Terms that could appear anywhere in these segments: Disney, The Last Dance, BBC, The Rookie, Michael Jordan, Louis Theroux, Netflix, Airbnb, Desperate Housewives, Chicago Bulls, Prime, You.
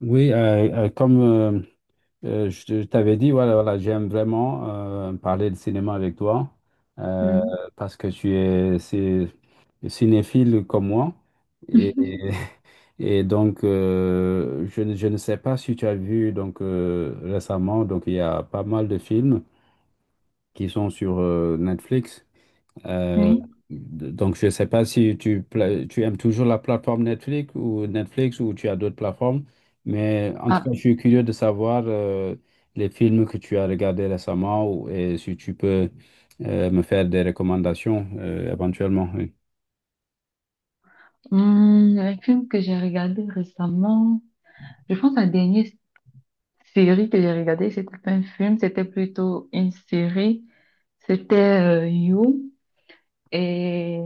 Oui, comme je te- je t'avais dit, voilà, voilà, j'aime vraiment parler de cinéma avec toi euh, Mhm. parce que tu es cinéphile comme moi. Et, Et donc, je ne sais pas si tu as vu donc, récemment, donc, il y a pas mal de films qui sont sur Netflix. Euh, Oui. donc, je ne sais pas si tu aimes toujours la plateforme Netflix ou Netflix ou tu as d'autres plateformes, mais en tout Ah, cas, je suis curieux de savoir les films que tu as regardés récemment et si tu peux me faire des recommandations éventuellement. Un film que j'ai regardé récemment, je pense la dernière série que j'ai regardée, c'était pas un film, c'était plutôt une série. C'était You et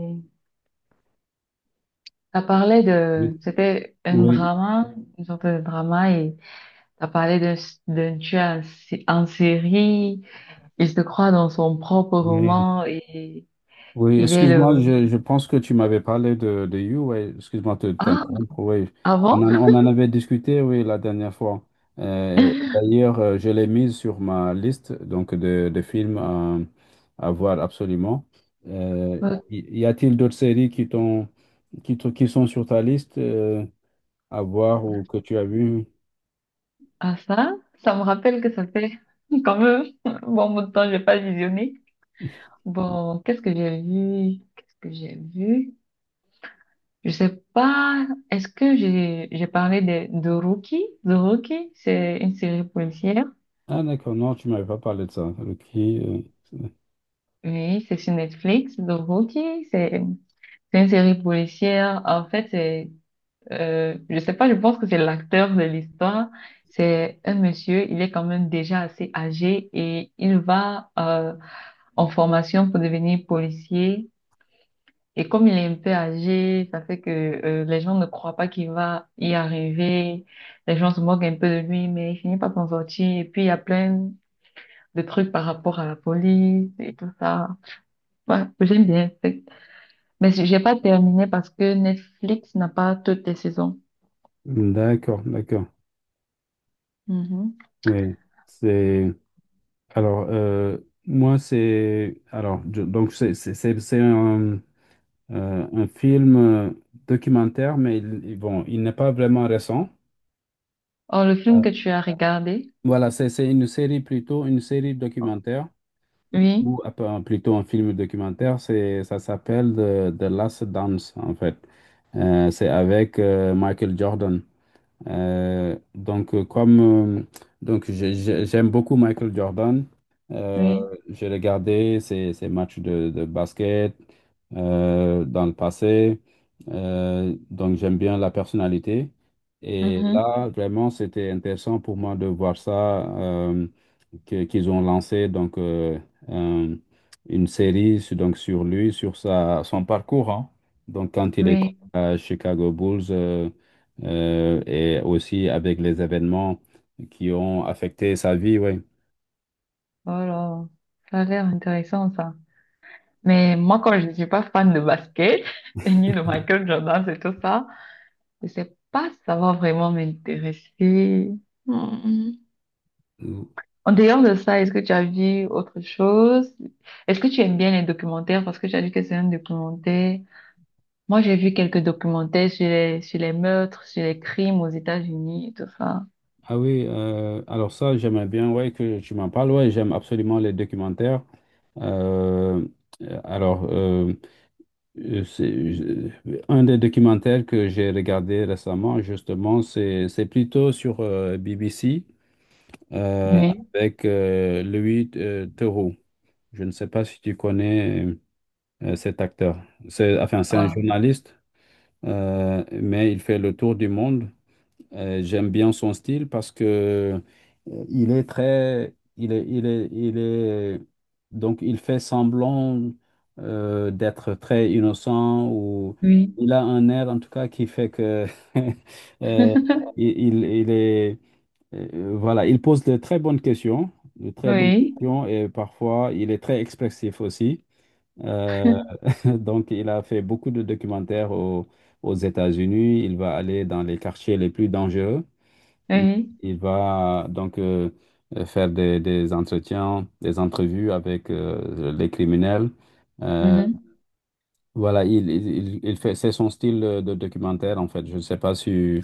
ça parlait de, Oui, c'était un oui, drama, une sorte de drama et ça parlait d'un tueur en série. Il se croit dans son propre oui. roman et Oui, il est excuse-moi, le. Je pense que tu m'avais parlé de You, ouais, excuse-moi de Ah, t'interrompre, oui. Avant? On en avait discuté, oui, la dernière fois. D'ailleurs, je l'ai mise sur ma liste donc de films à voir absolument. Euh, y y a-t-il d'autres séries qui t'ont, qui, te- qui sont sur ta liste à voir ou que tu as vu? Ah ça, ça me rappelle que ça fait quand même un bon bout de temps, j'ai pas visionné. Bon, qu'est-ce que j'ai vu? Qu'est-ce que j'ai vu? Je sais pas. Est-ce que j'ai parlé de Rookie? The Rookie, c'est une série policière. Ah, d'accord, non, tu m'avais pas parlé de ça. Ok, Oui, c'est sur Netflix. The Rookie, c'est une série policière. En fait, c'est je sais pas. Je pense que c'est l'acteur de l'histoire. C'est un monsieur. Il est quand même déjà assez âgé et il va en formation pour devenir policier. Et comme il est un peu âgé, ça fait que les gens ne croient pas qu'il va y arriver. Les gens se moquent un peu de lui, mais il finit par s'en sortir. Et puis, il y a plein de trucs par rapport à la police et tout ça. Ouais, j'aime bien. Mais j'ai pas terminé parce que Netflix n'a pas toutes les saisons. d'accord, d'accord, Mhm. oui. C'est... Alors, moi, c'est. Alors, c'est un film documentaire, mais il bon, il n'est pas vraiment récent. Oh, le Euh, film que tu as regardé? voilà, c'est une série plutôt, une série documentaire, Oui, ou plutôt un film documentaire. C'est, ça s'appelle The Last Dance, en fait. C'est avec Michael Jordan. Donc, comme euh, donc j'ai- J'aime beaucoup Michael Jordan, euh, oui, j'ai regardé ses matchs de basket dans le passé. J'aime bien la personnalité. Et mhm, là, vraiment, c'était intéressant pour moi de voir ça euh, qu'ils ont lancé donc euh, une série donc sur lui, sur sa son parcours, hein. Donc quand il était oui. à Chicago Bulls, et aussi avec les événements qui ont affecté sa vie, ouais. Oh là, ça a l'air intéressant, ça. Mais moi, quand je ne suis pas fan de basket, et ni de Michael Jordan, c'est tout ça, je ne sais pas si ça va vraiment m'intéresser. Hmm. Mm. En dehors de ça, est-ce que tu as vu autre chose? Est-ce que tu aimes bien les documentaires? Parce que tu as dit que c'est un documentaire. Moi, j'ai vu quelques documentaires sur les meurtres, sur les crimes aux États-Unis et tout ça. Ah oui, alors ça j'aimerais bien ouais que tu m'en parles. Ouais, j'aime absolument les documentaires. Euh, alors euh, Euh, C'est, je- un des documentaires que j'ai regardé récemment, justement, c'est plutôt sur BBC euh, Oui. avec Louis Theroux. Je ne sais pas si tu connais cet acteur. C'est, enfin, c'est un Ah, journaliste, mais il fait le tour du monde. J'aime bien son style parce que il est très, il est, il est, il est, donc il fait semblant d'être très innocent ou oui. il a un air en tout cas qui fait que euh, il, il il est, voilà, il pose de très bonnes questions, de très bonnes Oui. questions et parfois il est très expressif aussi. Euh, donc il a fait beaucoup de documentaires aux États-Unis. Il va aller dans les quartiers les plus dangereux. Il, Oui. il va donc faire des entretiens, des entrevues avec les criminels. Euh, Mhm. Il fait, c'est son style de documentaire en fait. Je ne sais pas si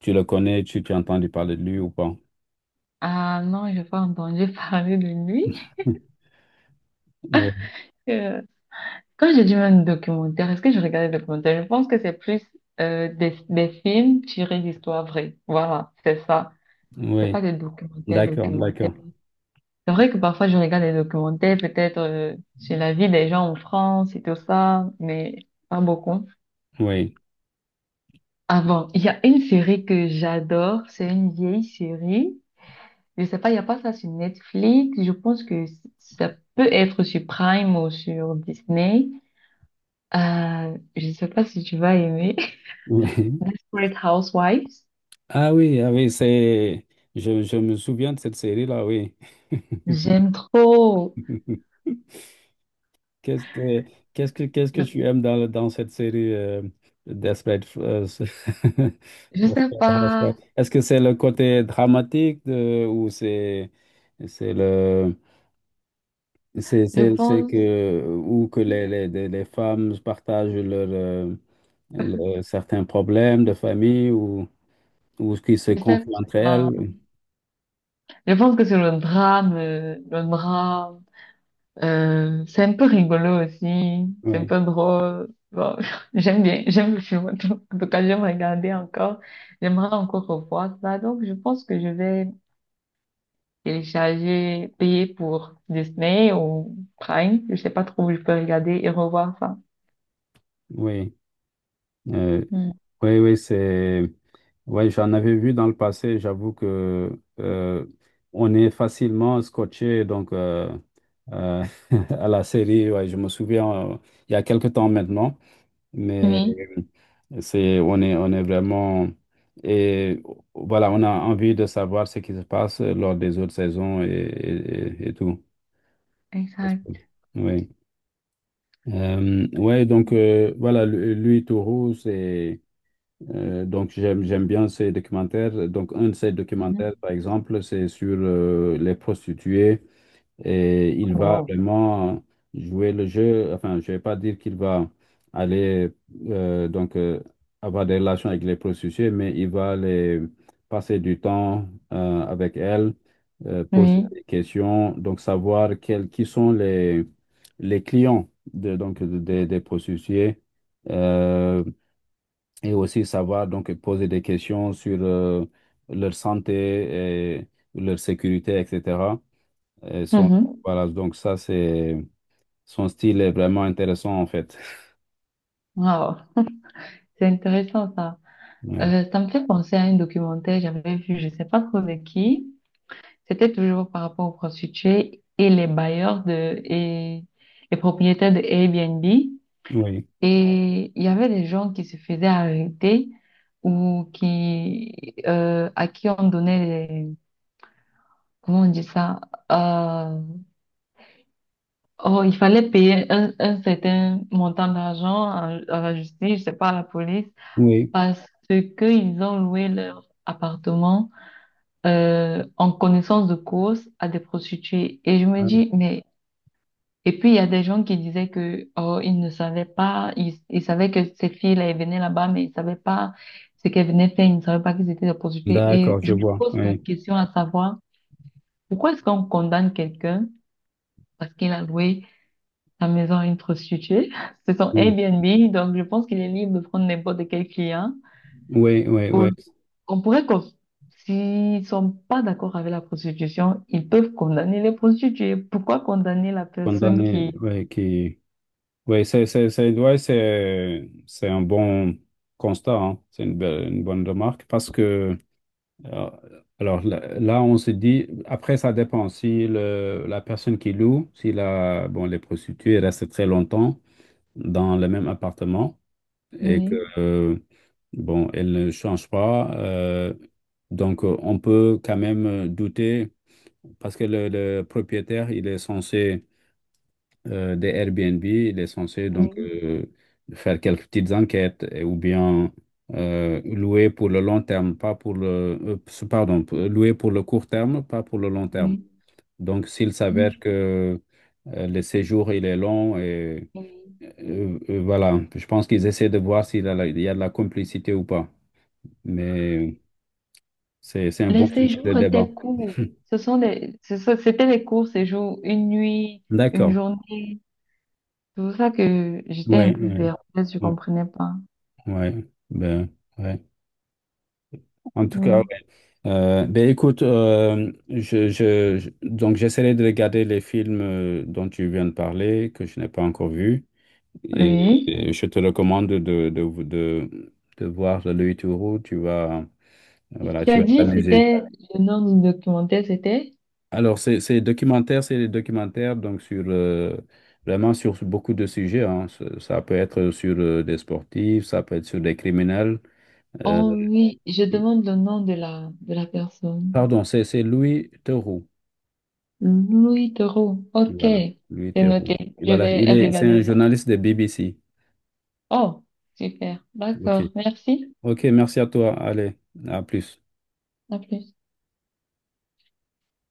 tu le connais, tu as entendu parler de lui ou pas. Ah non, je n'ai pas entendu parler de lui. Oui, Euh, Quand j'ai dit même documentaire, est-ce que je regardais des documentaires? Je pense que c'est plus des films tirés d'histoires vraies. Voilà, c'est ça. C'est oui, pas des documentaires, d'accord, documentaires. d'accord. C'est vrai que parfois je regarde des documentaires, peut-être sur la vie des gens en France et tout ça, mais pas beaucoup. Oui, Avant, il y a une série que j'adore, c'est une vieille série. Je sais pas, il n'y a pas ça sur Netflix. Je pense que ça peut être sur Prime ou sur Disney. Je sais pas si tu vas aimer. oui. Desperate Housewives. Ah oui, ah oui. c'est. Je me souviens de cette série-là, oui. J'aime trop. Qu'est-ce que Qu'est-ce que Je, tu aimes dans cette série, Desperate, je sais Desperate Housewives? pas. Est-ce que c'est le côté dramatique, ou c'est le Je c'est pense, que ou que les femmes partagent leurs certains problèmes de famille ou qui se je sais confient entre pas. elles? Je pense que c'est le drame, le drame. C'est un peu rigolo aussi. C'est un Oui, peu drôle. Bon, j'aime bien, j'aime le film. En tout cas, j'aime regarder encore. J'aimerais encore revoir ça. Donc, je pense que je vais télécharger, payer pour Disney ou Prime. Je sais pas trop où je peux regarder et revoir ça. oui. Euh, Mm. oui, oui, c'est. Ouais, j'en avais vu dans le passé. J'avoue que euh, on est facilement scotché donc euh, à la série. Ouais, je me souviens, il y a quelque temps maintenant, mais Oui, c'est on est vraiment et voilà, on a envie de savoir ce qui se passe lors des autres saisons et tout. exact. Oui. Voilà, lui, Tourou, c'est, donc j'aime bien ces documentaires. Donc un de ces documentaires, par exemple, c'est sur les prostituées et il va Wow. vraiment jouer le jeu. Enfin, je vais pas dire qu'il va aller euh, donc euh, avoir des relations avec les prostituées, mais il va les passer du temps avec elles, poser Oui. des questions, donc savoir quels qui sont les clients de, des prostituées. Euh, et aussi savoir donc poser des questions sur leur santé et leur sécurité, etc. Et son- Mhm. voilà, donc ça, c'est son style est vraiment intéressant en fait. Wow. C'est intéressant ça. Oui, Ça me fait penser à un documentaire que j'avais vu, je sais pas trop de qui. C'était toujours par rapport aux prostituées et les bailleurs de et les propriétaires de Airbnb. oui, Et il y avait des gens qui se faisaient arrêter ou qui à qui on donnait des, comment on dit ça? Euh, Oh, il fallait payer un certain montant d'argent à la justice, je sais pas, à la police. oui. Parce qu'ils ont loué leur appartement en connaissance de cause à des prostituées. Et je me dis, mais... Et puis, il y a des gens qui disaient que, oh, ils ne savaient pas, ils savaient que ces filles-là, elles venaient là-bas, mais ils savaient pas ce qu'elles venaient faire, ils ne savaient pas qu'ils étaient des prostituées. D'accord, Et je je me vois. pose la Oui, question à savoir, pourquoi est-ce qu'on condamne quelqu'un parce qu'il a loué sa maison à une prostituée? C'est son oui, Airbnb, donc je pense qu'il est libre de prendre n'importe quel client. oui, oui, oui. On pourrait qu'on, s'ils sont pas d'accord avec la prostitution, ils peuvent condamner les prostituées. Pourquoi condamner la personne Condamné, qui... oui, qui. Oui, c'est un bon constat, hein. C'est une, une bonne remarque parce que. Euh, Alors là, là, on se dit, après, ça dépend. Si la personne qui loue, si la, bon, les prostituées restent très longtemps dans le même appartement et que, Oui, bon, elles ne changent pas, on peut quand même douter parce que le propriétaire, il est censé, des Airbnb, il est censé oui, faire quelques petites enquêtes, ou bien louer pour le long terme, pas pour le pardon, louer pour le court terme, pas pour le long terme. oui, Donc s'il oui, s'avère que le séjour il est long et oui. Voilà, je pense qu'ils essaient de voir s'il y a, il y a de la complicité ou pas. Mais c'est un Les bon sujet de séjours débat. étaient courts. Ce sont des, c'était des courts séjours, une nuit, une D'accord. journée. C'est pour ça que j'étais un Oui, peu oui. perplexe, je Oui, comprenais pas. oui. Ben, ouais. En tout cas, ouais. Non. Ben écoute, donc j'essaierai de regarder les films dont tu viens de parler, que je n'ai pas encore vus. Et, Oui. et je te recommande de voir Le Louis Tourou, tu vas, voilà, Tu tu as vas dit, t'amuser. c'était le nom du documentaire, c'était. Alors, ces documentaires, c'est des documentaires donc sur, vraiment sur beaucoup de sujets, hein. Ça peut être sur des sportifs, ça peut être sur des criminels. Euh, Oh oui, je demande le nom de la personne. Pardon, c'est Louis Tourou. Louis Theroux. Ok, Voilà, Louis c'est Theroux. noté. Et Je voilà, il vais est, c'est un regarder ça. journaliste de BBC. Oh, super. OK. D'accord. Merci. OK, merci à toi. Allez, à plus. À plus.